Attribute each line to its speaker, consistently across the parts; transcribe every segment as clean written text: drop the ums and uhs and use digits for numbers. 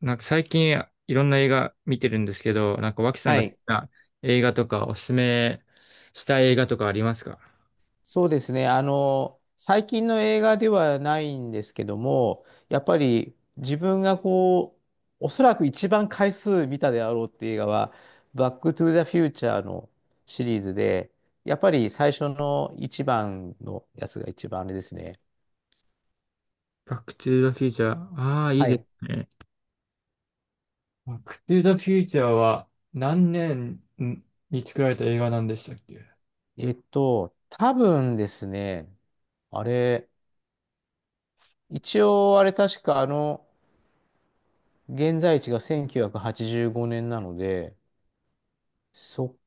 Speaker 1: なんか最近いろんな映画見てるんですけど、なんか脇さん
Speaker 2: は
Speaker 1: が好き
Speaker 2: い。
Speaker 1: な映画とかおすすめしたい映画とかありますか？
Speaker 2: そうですね。最近の映画ではないんですけども、やっぱり自分がこう、おそらく一番回数見たであろうっていう映画は、バックトゥザフューチャーのシリーズで、やっぱり最初の一番のやつが一番あれですね。
Speaker 1: バックトゥーザフューチャー。ああ、いい
Speaker 2: は
Speaker 1: で
Speaker 2: い。
Speaker 1: すね。バックトゥーザフューチャーは何年に作られた映画なんでしたっけ？
Speaker 2: 多分ですね、あれ、一応あれ確か現在地が1985年なので、そ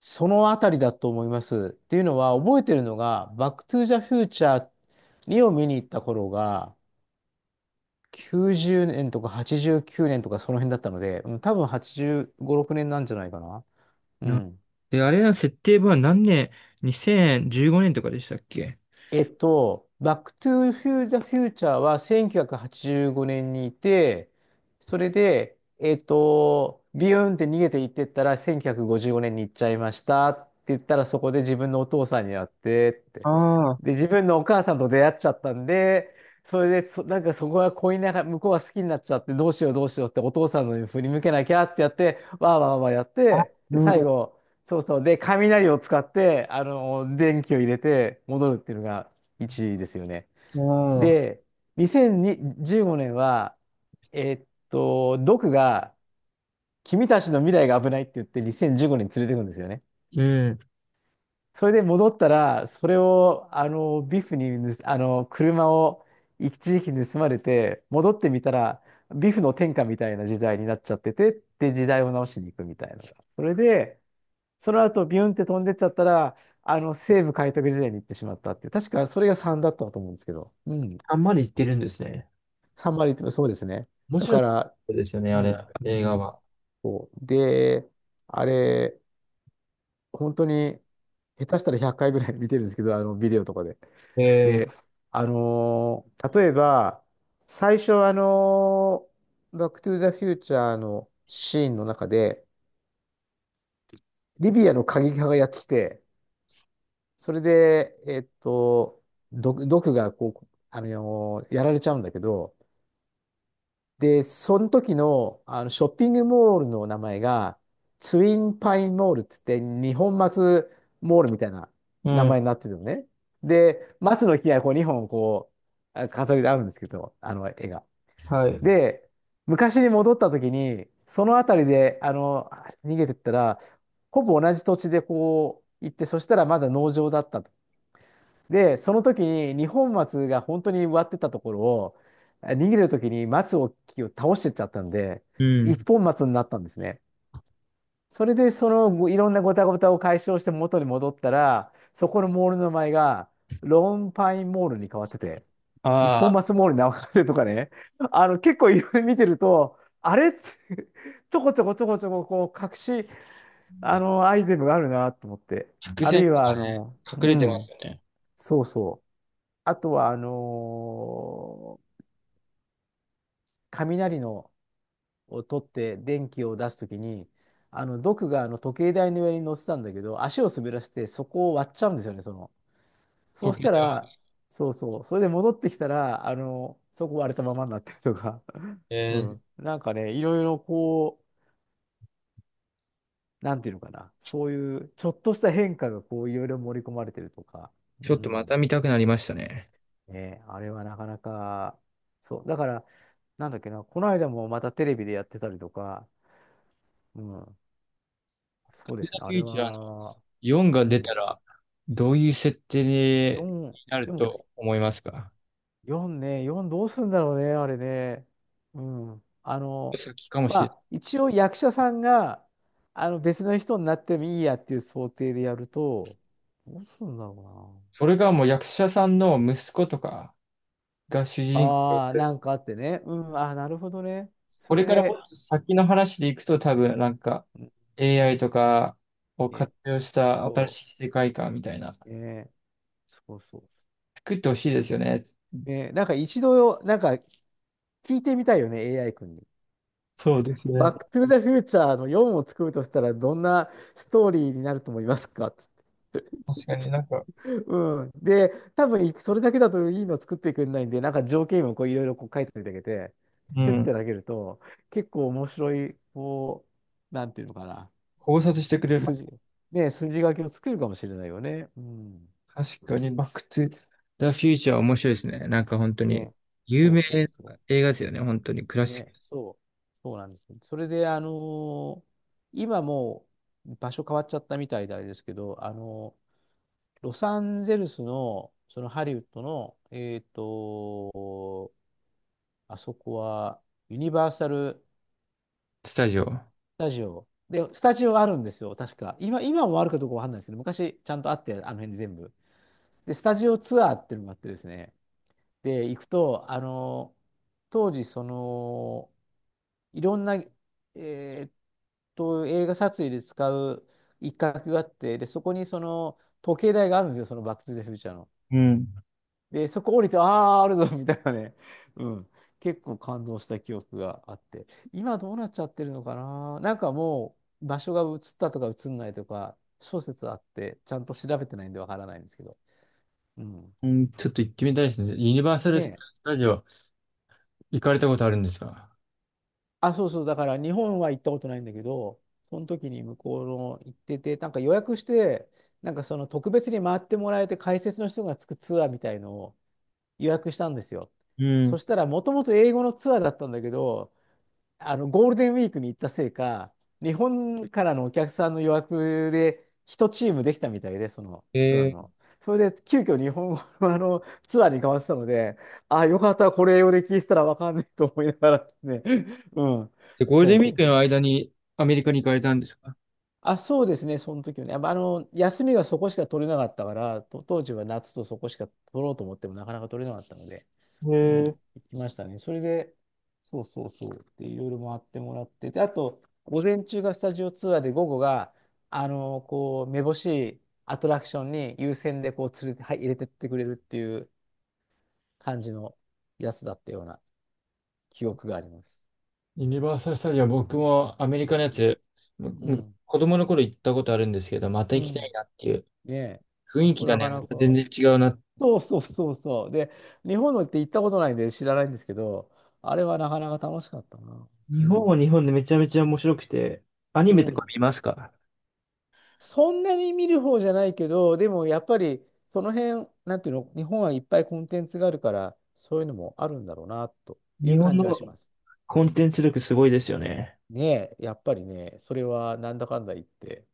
Speaker 2: そのあたりだと思います。っていうのは、覚えてるのが、バックトゥーザフューチャーにを見に行った頃が、90年とか89年とかその辺だったので、うん、多分85、6年なんじゃないかな。う
Speaker 1: な
Speaker 2: ん。
Speaker 1: で、あれの設定は何年？ 2015 年とかでしたっけ？
Speaker 2: バックトゥーフューザフューチャーは1985年にいて、それで、ビューンって逃げていってったら、1955年に行っちゃいましたって言ったら、そこで自分のお父さんに会ってって。
Speaker 1: ああ、
Speaker 2: で、自分のお母さんと出会っちゃったんで、それでなんかそこが恋ながら、向こうが好きになっちゃって、どうしようどうしようってお父さんのに振り向けなきゃってやって、わーわーわーやっ
Speaker 1: あ、
Speaker 2: て、で、
Speaker 1: なる
Speaker 2: 最
Speaker 1: ほ
Speaker 2: 後、そうそう、で、雷を使って、電気を入れて戻るっていうのが1ですよね。
Speaker 1: ど。
Speaker 2: で、2015年は、ドクが、君たちの未来が危ないって言って2015年にせんじゅうごねん連れてくんですよね。
Speaker 1: うん。
Speaker 2: それで戻ったら、それを、ビフに盗、車を一時期盗まれて、戻ってみたら、ビフの天下みたいな時代になっちゃってて、で、時代を直しに行くみたいなそれで、その後、ビュンって飛んでっちゃったら、西部開拓時代に行ってしまったっていう、確かそれが3だったと思うんですけど、うん。
Speaker 1: あんまり言ってるんですね。
Speaker 2: 3割って、そうですね。
Speaker 1: 面
Speaker 2: だ
Speaker 1: 白
Speaker 2: か
Speaker 1: い
Speaker 2: ら、
Speaker 1: ですよね、
Speaker 2: う
Speaker 1: あれ、
Speaker 2: ん。
Speaker 1: 映
Speaker 2: う
Speaker 1: 画
Speaker 2: ん。
Speaker 1: は。
Speaker 2: そう。で、あれ、本当に、下手したら100回ぐらい見てるんですけど、ビデオとかで。
Speaker 1: ええ、
Speaker 2: で、例えば、最初、バックトゥーザフューチャーのシーンの中で、リビアの過激派がやってきて、それで、毒がこう、やられちゃうんだけど、で、その時の、あのショッピングモールの名前が、ツインパインモールって言って、日本松モールみたいな
Speaker 1: う
Speaker 2: 名
Speaker 1: ん。
Speaker 2: 前になってるのね。で、松の木がこう2本こう、飾りであるんですけど、あの絵が。
Speaker 1: はい。
Speaker 2: で、昔に戻った時に、その辺りで、逃げてったら、ほぼ同じ土地でこう行って、そしたらまだ農場だったと。で、その時に二本松が本当に植わってたところを、逃げる時に松を木を倒してっちゃったんで、
Speaker 1: う
Speaker 2: 一
Speaker 1: ん。
Speaker 2: 本松になったんですね。それで、そのごいろんなごたごたを解消して元に戻ったら、そこのモールの名前が、ローンパインモールに変わってて、一本
Speaker 1: ああ、
Speaker 2: 松モールに流れるとかね、結構いろいろ見てると、あれっつ ちょこちょこちょこちょこ、こう、隠し、アイテムがあるなと思って。
Speaker 1: 直
Speaker 2: ある
Speaker 1: 線
Speaker 2: い
Speaker 1: と
Speaker 2: は、
Speaker 1: かね、隠れてますよね。
Speaker 2: そうそう。あとは、雷のを取って電気を出すときに、毒があの時計台の上に乗ってたんだけど、足を滑らせてそこを割っちゃうんですよね、その。そうし
Speaker 1: 時計
Speaker 2: た
Speaker 1: 台
Speaker 2: ら、
Speaker 1: は。
Speaker 2: そうそう、それで戻ってきたら、そこ割れたままになってるとか、
Speaker 1: え
Speaker 2: う
Speaker 1: ー、
Speaker 2: ん、なんかね、いろいろこう、なんていうのかな、そういうちょっとした変化がこう、いろいろ盛り込まれてるとか、う
Speaker 1: ちょっとまた
Speaker 2: ん、
Speaker 1: 見たくなりましたね。
Speaker 2: ね、あれはなかなか、そう、だから、なんだっけな、この間もまたテレビでやってたりとか、うん、そうで
Speaker 1: 時計台
Speaker 2: すね、あ
Speaker 1: フ
Speaker 2: れ
Speaker 1: ューチャーの
Speaker 2: は、
Speaker 1: 4が
Speaker 2: う
Speaker 1: 出た
Speaker 2: ん、
Speaker 1: ら、どういう設定に
Speaker 2: 4、
Speaker 1: なる
Speaker 2: でも
Speaker 1: と思いますか？
Speaker 2: 4ね、4どうするんだろうね、あれね。うん。
Speaker 1: 先かも
Speaker 2: ま
Speaker 1: しれない。
Speaker 2: あ、一応役者さんが、別の人になってもいいやっていう想定でやると、どうするんだろ
Speaker 1: それがもう役者さんの息子とかが主
Speaker 2: うな。
Speaker 1: 人公
Speaker 2: ああ、な
Speaker 1: で、
Speaker 2: んかあってね。うん、ああ、なるほどね。そ
Speaker 1: こ
Speaker 2: れ
Speaker 1: れからも
Speaker 2: で、
Speaker 1: っと先の話でいくと多分なんか
Speaker 2: うん
Speaker 1: AI とかを
Speaker 2: ね、
Speaker 1: 活用した新
Speaker 2: そ
Speaker 1: しい世界観みたいな、
Speaker 2: う、ね、そうそう。
Speaker 1: 作ってほしいですよね。
Speaker 2: ね、なんか一度、なんか聞いてみたいよね、AI 君に。
Speaker 1: そうです
Speaker 2: バッ
Speaker 1: ね。
Speaker 2: クトゥーザフューチャーの4を作るとしたら、どんなストーリーになると思いますかって
Speaker 1: 確かになんか、
Speaker 2: うん。で、多分それだけだといいの作ってくれないんで、なんか条件をこういろいろこう書いていただけて、
Speaker 1: う
Speaker 2: シュッて
Speaker 1: ん。
Speaker 2: 投げると、結構面白い、こう、なんていうのかな、
Speaker 1: 考察してくれる。ま、
Speaker 2: 筋、ね、筋書きを作るかもしれないよね。うん。
Speaker 1: 確かに、バックトゥザ・フューチャー面白いですね。なんか本当に、
Speaker 2: ね、
Speaker 1: 有
Speaker 2: そう
Speaker 1: 名
Speaker 2: そうそ
Speaker 1: な映画ですよね。本当に、ク
Speaker 2: う。
Speaker 1: ラシック
Speaker 2: ね、そう、そうなんですそれで、今もう場所変わっちゃったみたいであれですけど、ロサンゼルスの、そのハリウッドの、あそこはユニバーサル・
Speaker 1: スタジオ。
Speaker 2: スタジオ。で、スタジオあるんですよ、確か。今もあるかどうかわかんないですけど、昔ちゃんとあって、あの辺全部。で、スタジオツアーっていうのがあってですね。で、行くと、当時、その、いろんな、ーっ映画撮影で使う一角があって、で、そこにその、時計台があるんですよ、そのバック・トゥ・ザ・フューチャーの
Speaker 1: うん。
Speaker 2: で、そこ降りて、ああ、あるぞ、みたいなね。うん。結構感動した記憶があって。今どうなっちゃってるのかななんかもう、場所が移ったとか移んないとか、諸説あって、ちゃんと調べてないんでわからないんですけど。うん。
Speaker 1: うん、ちょっと行ってみたいですね。ユニバーサル・ス
Speaker 2: で、
Speaker 1: タジオ行かれたことあるんですか？
Speaker 2: あ、そうそう、だから日本は行ったことないんだけど、その時に向こうの行ってて、なんか予約して、なんかその特別に回ってもらえて解説の人がつくツアーみたいのを予約したんですよ。
Speaker 1: う
Speaker 2: そ
Speaker 1: ん。
Speaker 2: したら、もともと英語のツアーだったんだけど、ゴールデンウィークに行ったせいか、日本からのお客さんの予約で1チームできたみたいで、そのツアー
Speaker 1: えー、
Speaker 2: の。それで急遽日本語のあのツアーに変わってたので、ああ、よかった、これ英語で聞いてたらわかんないと思いながらですね。うん。
Speaker 1: で、ゴール
Speaker 2: そう
Speaker 1: デ
Speaker 2: そう
Speaker 1: ンウィ
Speaker 2: そ
Speaker 1: ーク
Speaker 2: う。
Speaker 1: の間にアメリカに行かれたんですか？
Speaker 2: あ、そうですね、その時はね。やっぱ休みがそこしか取れなかったから、と当時は夏とそこしか取ろうと思ってもなかなか取れなかったので。
Speaker 1: え
Speaker 2: うん、
Speaker 1: ー、
Speaker 2: 行きましたね。それで、そうそうそう、で、いろいろ回ってもらってで、あと、午前中がスタジオツアーで、午後が、こう、めぼしいアトラクションに優先で、こう、連れて、はい、入れてってくれるっていう感じのやつだったような記憶があります。
Speaker 1: ユニバーサル・スタジオ、僕もアメリカのやつ、
Speaker 2: うん。
Speaker 1: 子供の頃行ったことあるんですけど、また
Speaker 2: う
Speaker 1: 行きたい
Speaker 2: ん。
Speaker 1: なっていう
Speaker 2: ねえ。
Speaker 1: 雰
Speaker 2: あ
Speaker 1: 囲
Speaker 2: そこ
Speaker 1: 気が
Speaker 2: なか
Speaker 1: ね、ま
Speaker 2: な
Speaker 1: た全
Speaker 2: か。
Speaker 1: 然違うな。
Speaker 2: そうそうそうそう。で、日本のって行ったことないんで知らないんですけど、あれはなかなか楽しかったな。
Speaker 1: 日
Speaker 2: う
Speaker 1: 本は
Speaker 2: ん。
Speaker 1: 日本でめちゃめちゃ面白くて、アニ
Speaker 2: う
Speaker 1: メとか
Speaker 2: ん。
Speaker 1: 見ますか？
Speaker 2: そんなに見る方じゃないけど、でもやっぱりその辺、なんていうの、日本はいっぱいコンテンツがあるから、そういうのもあるんだろうな、とい
Speaker 1: 日
Speaker 2: う
Speaker 1: 本
Speaker 2: 感じは
Speaker 1: の
Speaker 2: します。
Speaker 1: コンテンツ力すごいですよね。
Speaker 2: ねえ、やっぱりね、それはなんだかんだ言って、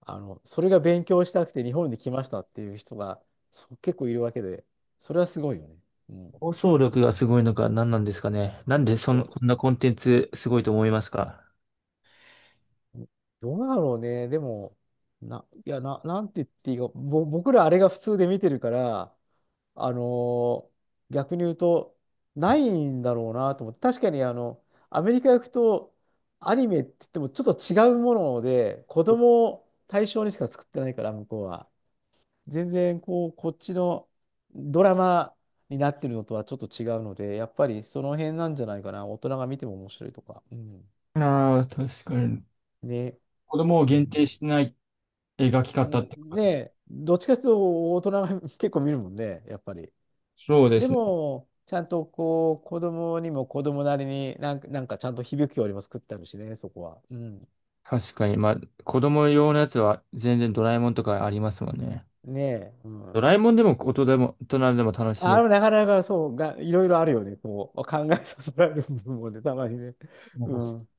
Speaker 2: あの、それが勉強したくて日本に来ましたっていう人がそう結構いるわけで、それはすごいよね。うん。
Speaker 1: 放送力がすごいのか何なんですかね。なんでそ
Speaker 2: そ
Speaker 1: ん、
Speaker 2: う。
Speaker 1: こんなコンテンツすごいと思いますか？
Speaker 2: どうだろうね。でも、な、いや、な、なんて言っていいか、僕らあれが普通で見てるから、あのー逆に言うと、ないんだろうなと思って。確かにあの、アメリカ行くと、アニメって言ってもちょっと違うもので、子供を対象にしか作ってないから、向こうは。全然、こう、こっちのドラマになってるのとはちょっと違うので、やっぱりその辺なんじゃないかな、大人が見ても面白いとか。うん、
Speaker 1: ああ、確かに。
Speaker 2: ね。
Speaker 1: 子供を
Speaker 2: う
Speaker 1: 限定
Speaker 2: ん
Speaker 1: してない描き
Speaker 2: う
Speaker 1: 方っ
Speaker 2: ん、
Speaker 1: てこと。
Speaker 2: ねえ、どっちかというと大人が 結構見るもんね、やっぱり。
Speaker 1: そうで
Speaker 2: で
Speaker 1: すね。
Speaker 2: も、ちゃんとこう、子供にも子供なりになんか、なんかちゃんと響きよりも作ってあるしね、そこは。うん。
Speaker 1: 確かに。まあ、子供用のやつは全然ドラえもんとかありますもんね。
Speaker 2: ねえ。う
Speaker 1: ド
Speaker 2: ん。
Speaker 1: ラえもんでも大人でも、大人でも楽し
Speaker 2: あ
Speaker 1: める。
Speaker 2: のなかなかそうが、いろいろあるよね。こう、考えさせられる部分もね、たまにね。
Speaker 1: なんか
Speaker 2: う
Speaker 1: う、
Speaker 2: ん。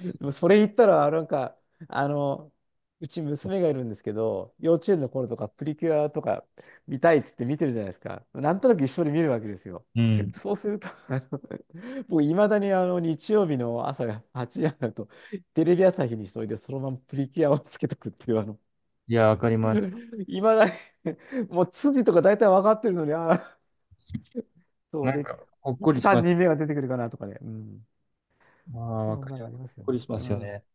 Speaker 2: でもそれ言ったら、なんか、あの、うち娘がいるんですけど、幼稚園の頃とかプリキュアとか見たいっつって見てるじゃないですか。なんとなく一緒に見るわけですよ。
Speaker 1: うん。
Speaker 2: そうすると、あの、僕、いまだにあの日曜日の朝が8時になると、テレビ朝日にしといて、そのままプリキュアをつけとくっていう、あの、
Speaker 1: いや、わかります。
Speaker 2: いまだにもう筋とか大体分かってるのに、ああ、そう
Speaker 1: なん
Speaker 2: で、
Speaker 1: か、ほっ
Speaker 2: い
Speaker 1: こ
Speaker 2: つ
Speaker 1: りし
Speaker 2: 3
Speaker 1: ま
Speaker 2: 人
Speaker 1: す。
Speaker 2: 目が出てくるかなとかね。うん。
Speaker 1: ああ、わ
Speaker 2: そん
Speaker 1: かり
Speaker 2: なの
Speaker 1: よ。
Speaker 2: あ
Speaker 1: ほ
Speaker 2: り
Speaker 1: っ
Speaker 2: ますよ
Speaker 1: こり
Speaker 2: ね。
Speaker 1: しま
Speaker 2: う
Speaker 1: すよ
Speaker 2: ん。
Speaker 1: ね。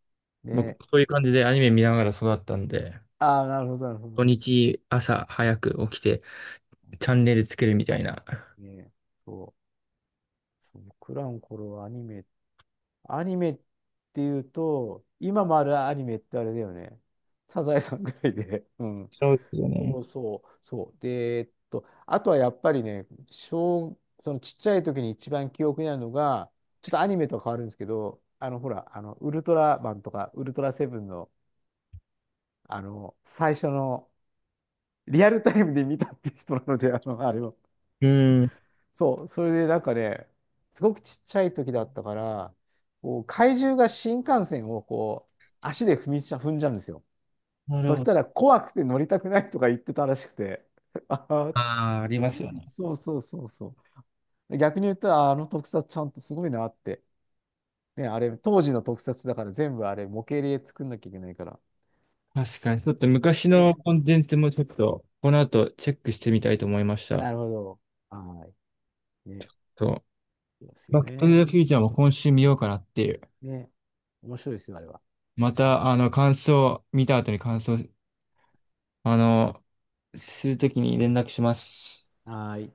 Speaker 1: 僕も
Speaker 2: ね。
Speaker 1: そういう感じでアニメ見ながら育ったんで、
Speaker 2: ああ、なるほど、なるほ
Speaker 1: 土
Speaker 2: ど。
Speaker 1: 日朝早く起きてチャンネルつけるみたいな。
Speaker 2: ね、そう、僕らの頃はアニメ、アニメっていうと、今もあるアニメってあれだよね。サザエさんぐらいで。うん。
Speaker 1: そうですよね。
Speaker 2: そうそう、そう。で、あとはやっぱりね、そのちっちゃい時に一番記憶にあるのが、ちょっとアニメとは変わるんですけど、あの、ほら、あの、ウルトラマンとか、ウルトラセブンの、あの、最初の、リアルタイムで見たっていう人なので、あの、あれを。
Speaker 1: うん。
Speaker 2: そう、それでなんかね、すごくちっちゃい時だったから、こう怪獣が新幹線をこう足で踏んじゃうんですよ。
Speaker 1: なる
Speaker 2: そし
Speaker 1: ほ
Speaker 2: たら
Speaker 1: ど。
Speaker 2: 怖くて乗りたくないとか言ってたらしくて、ああ、
Speaker 1: ああ、ありますよね。
Speaker 2: そうそうそうそう。逆に言ったら、あの特撮ちゃんとすごいなって。ね、あれ、当時の特撮だから全部あれ、模型で作んなきゃいけないから。
Speaker 1: 確かに。ちょっと昔の
Speaker 2: ね、
Speaker 1: コンテンツもちょっと、この後チェックしてみたいと思いました。
Speaker 2: なるほど。はい。ね、
Speaker 1: と、
Speaker 2: そうですよ
Speaker 1: バックトゥ
Speaker 2: ね。
Speaker 1: ザフューチャーも今週見ようかなっていう。
Speaker 2: ね、面白いですよ、あれは。
Speaker 1: ま
Speaker 2: う
Speaker 1: た、
Speaker 2: ん、
Speaker 1: あの、感想、見た後に感想、あの、するときに連絡します。
Speaker 2: はーい。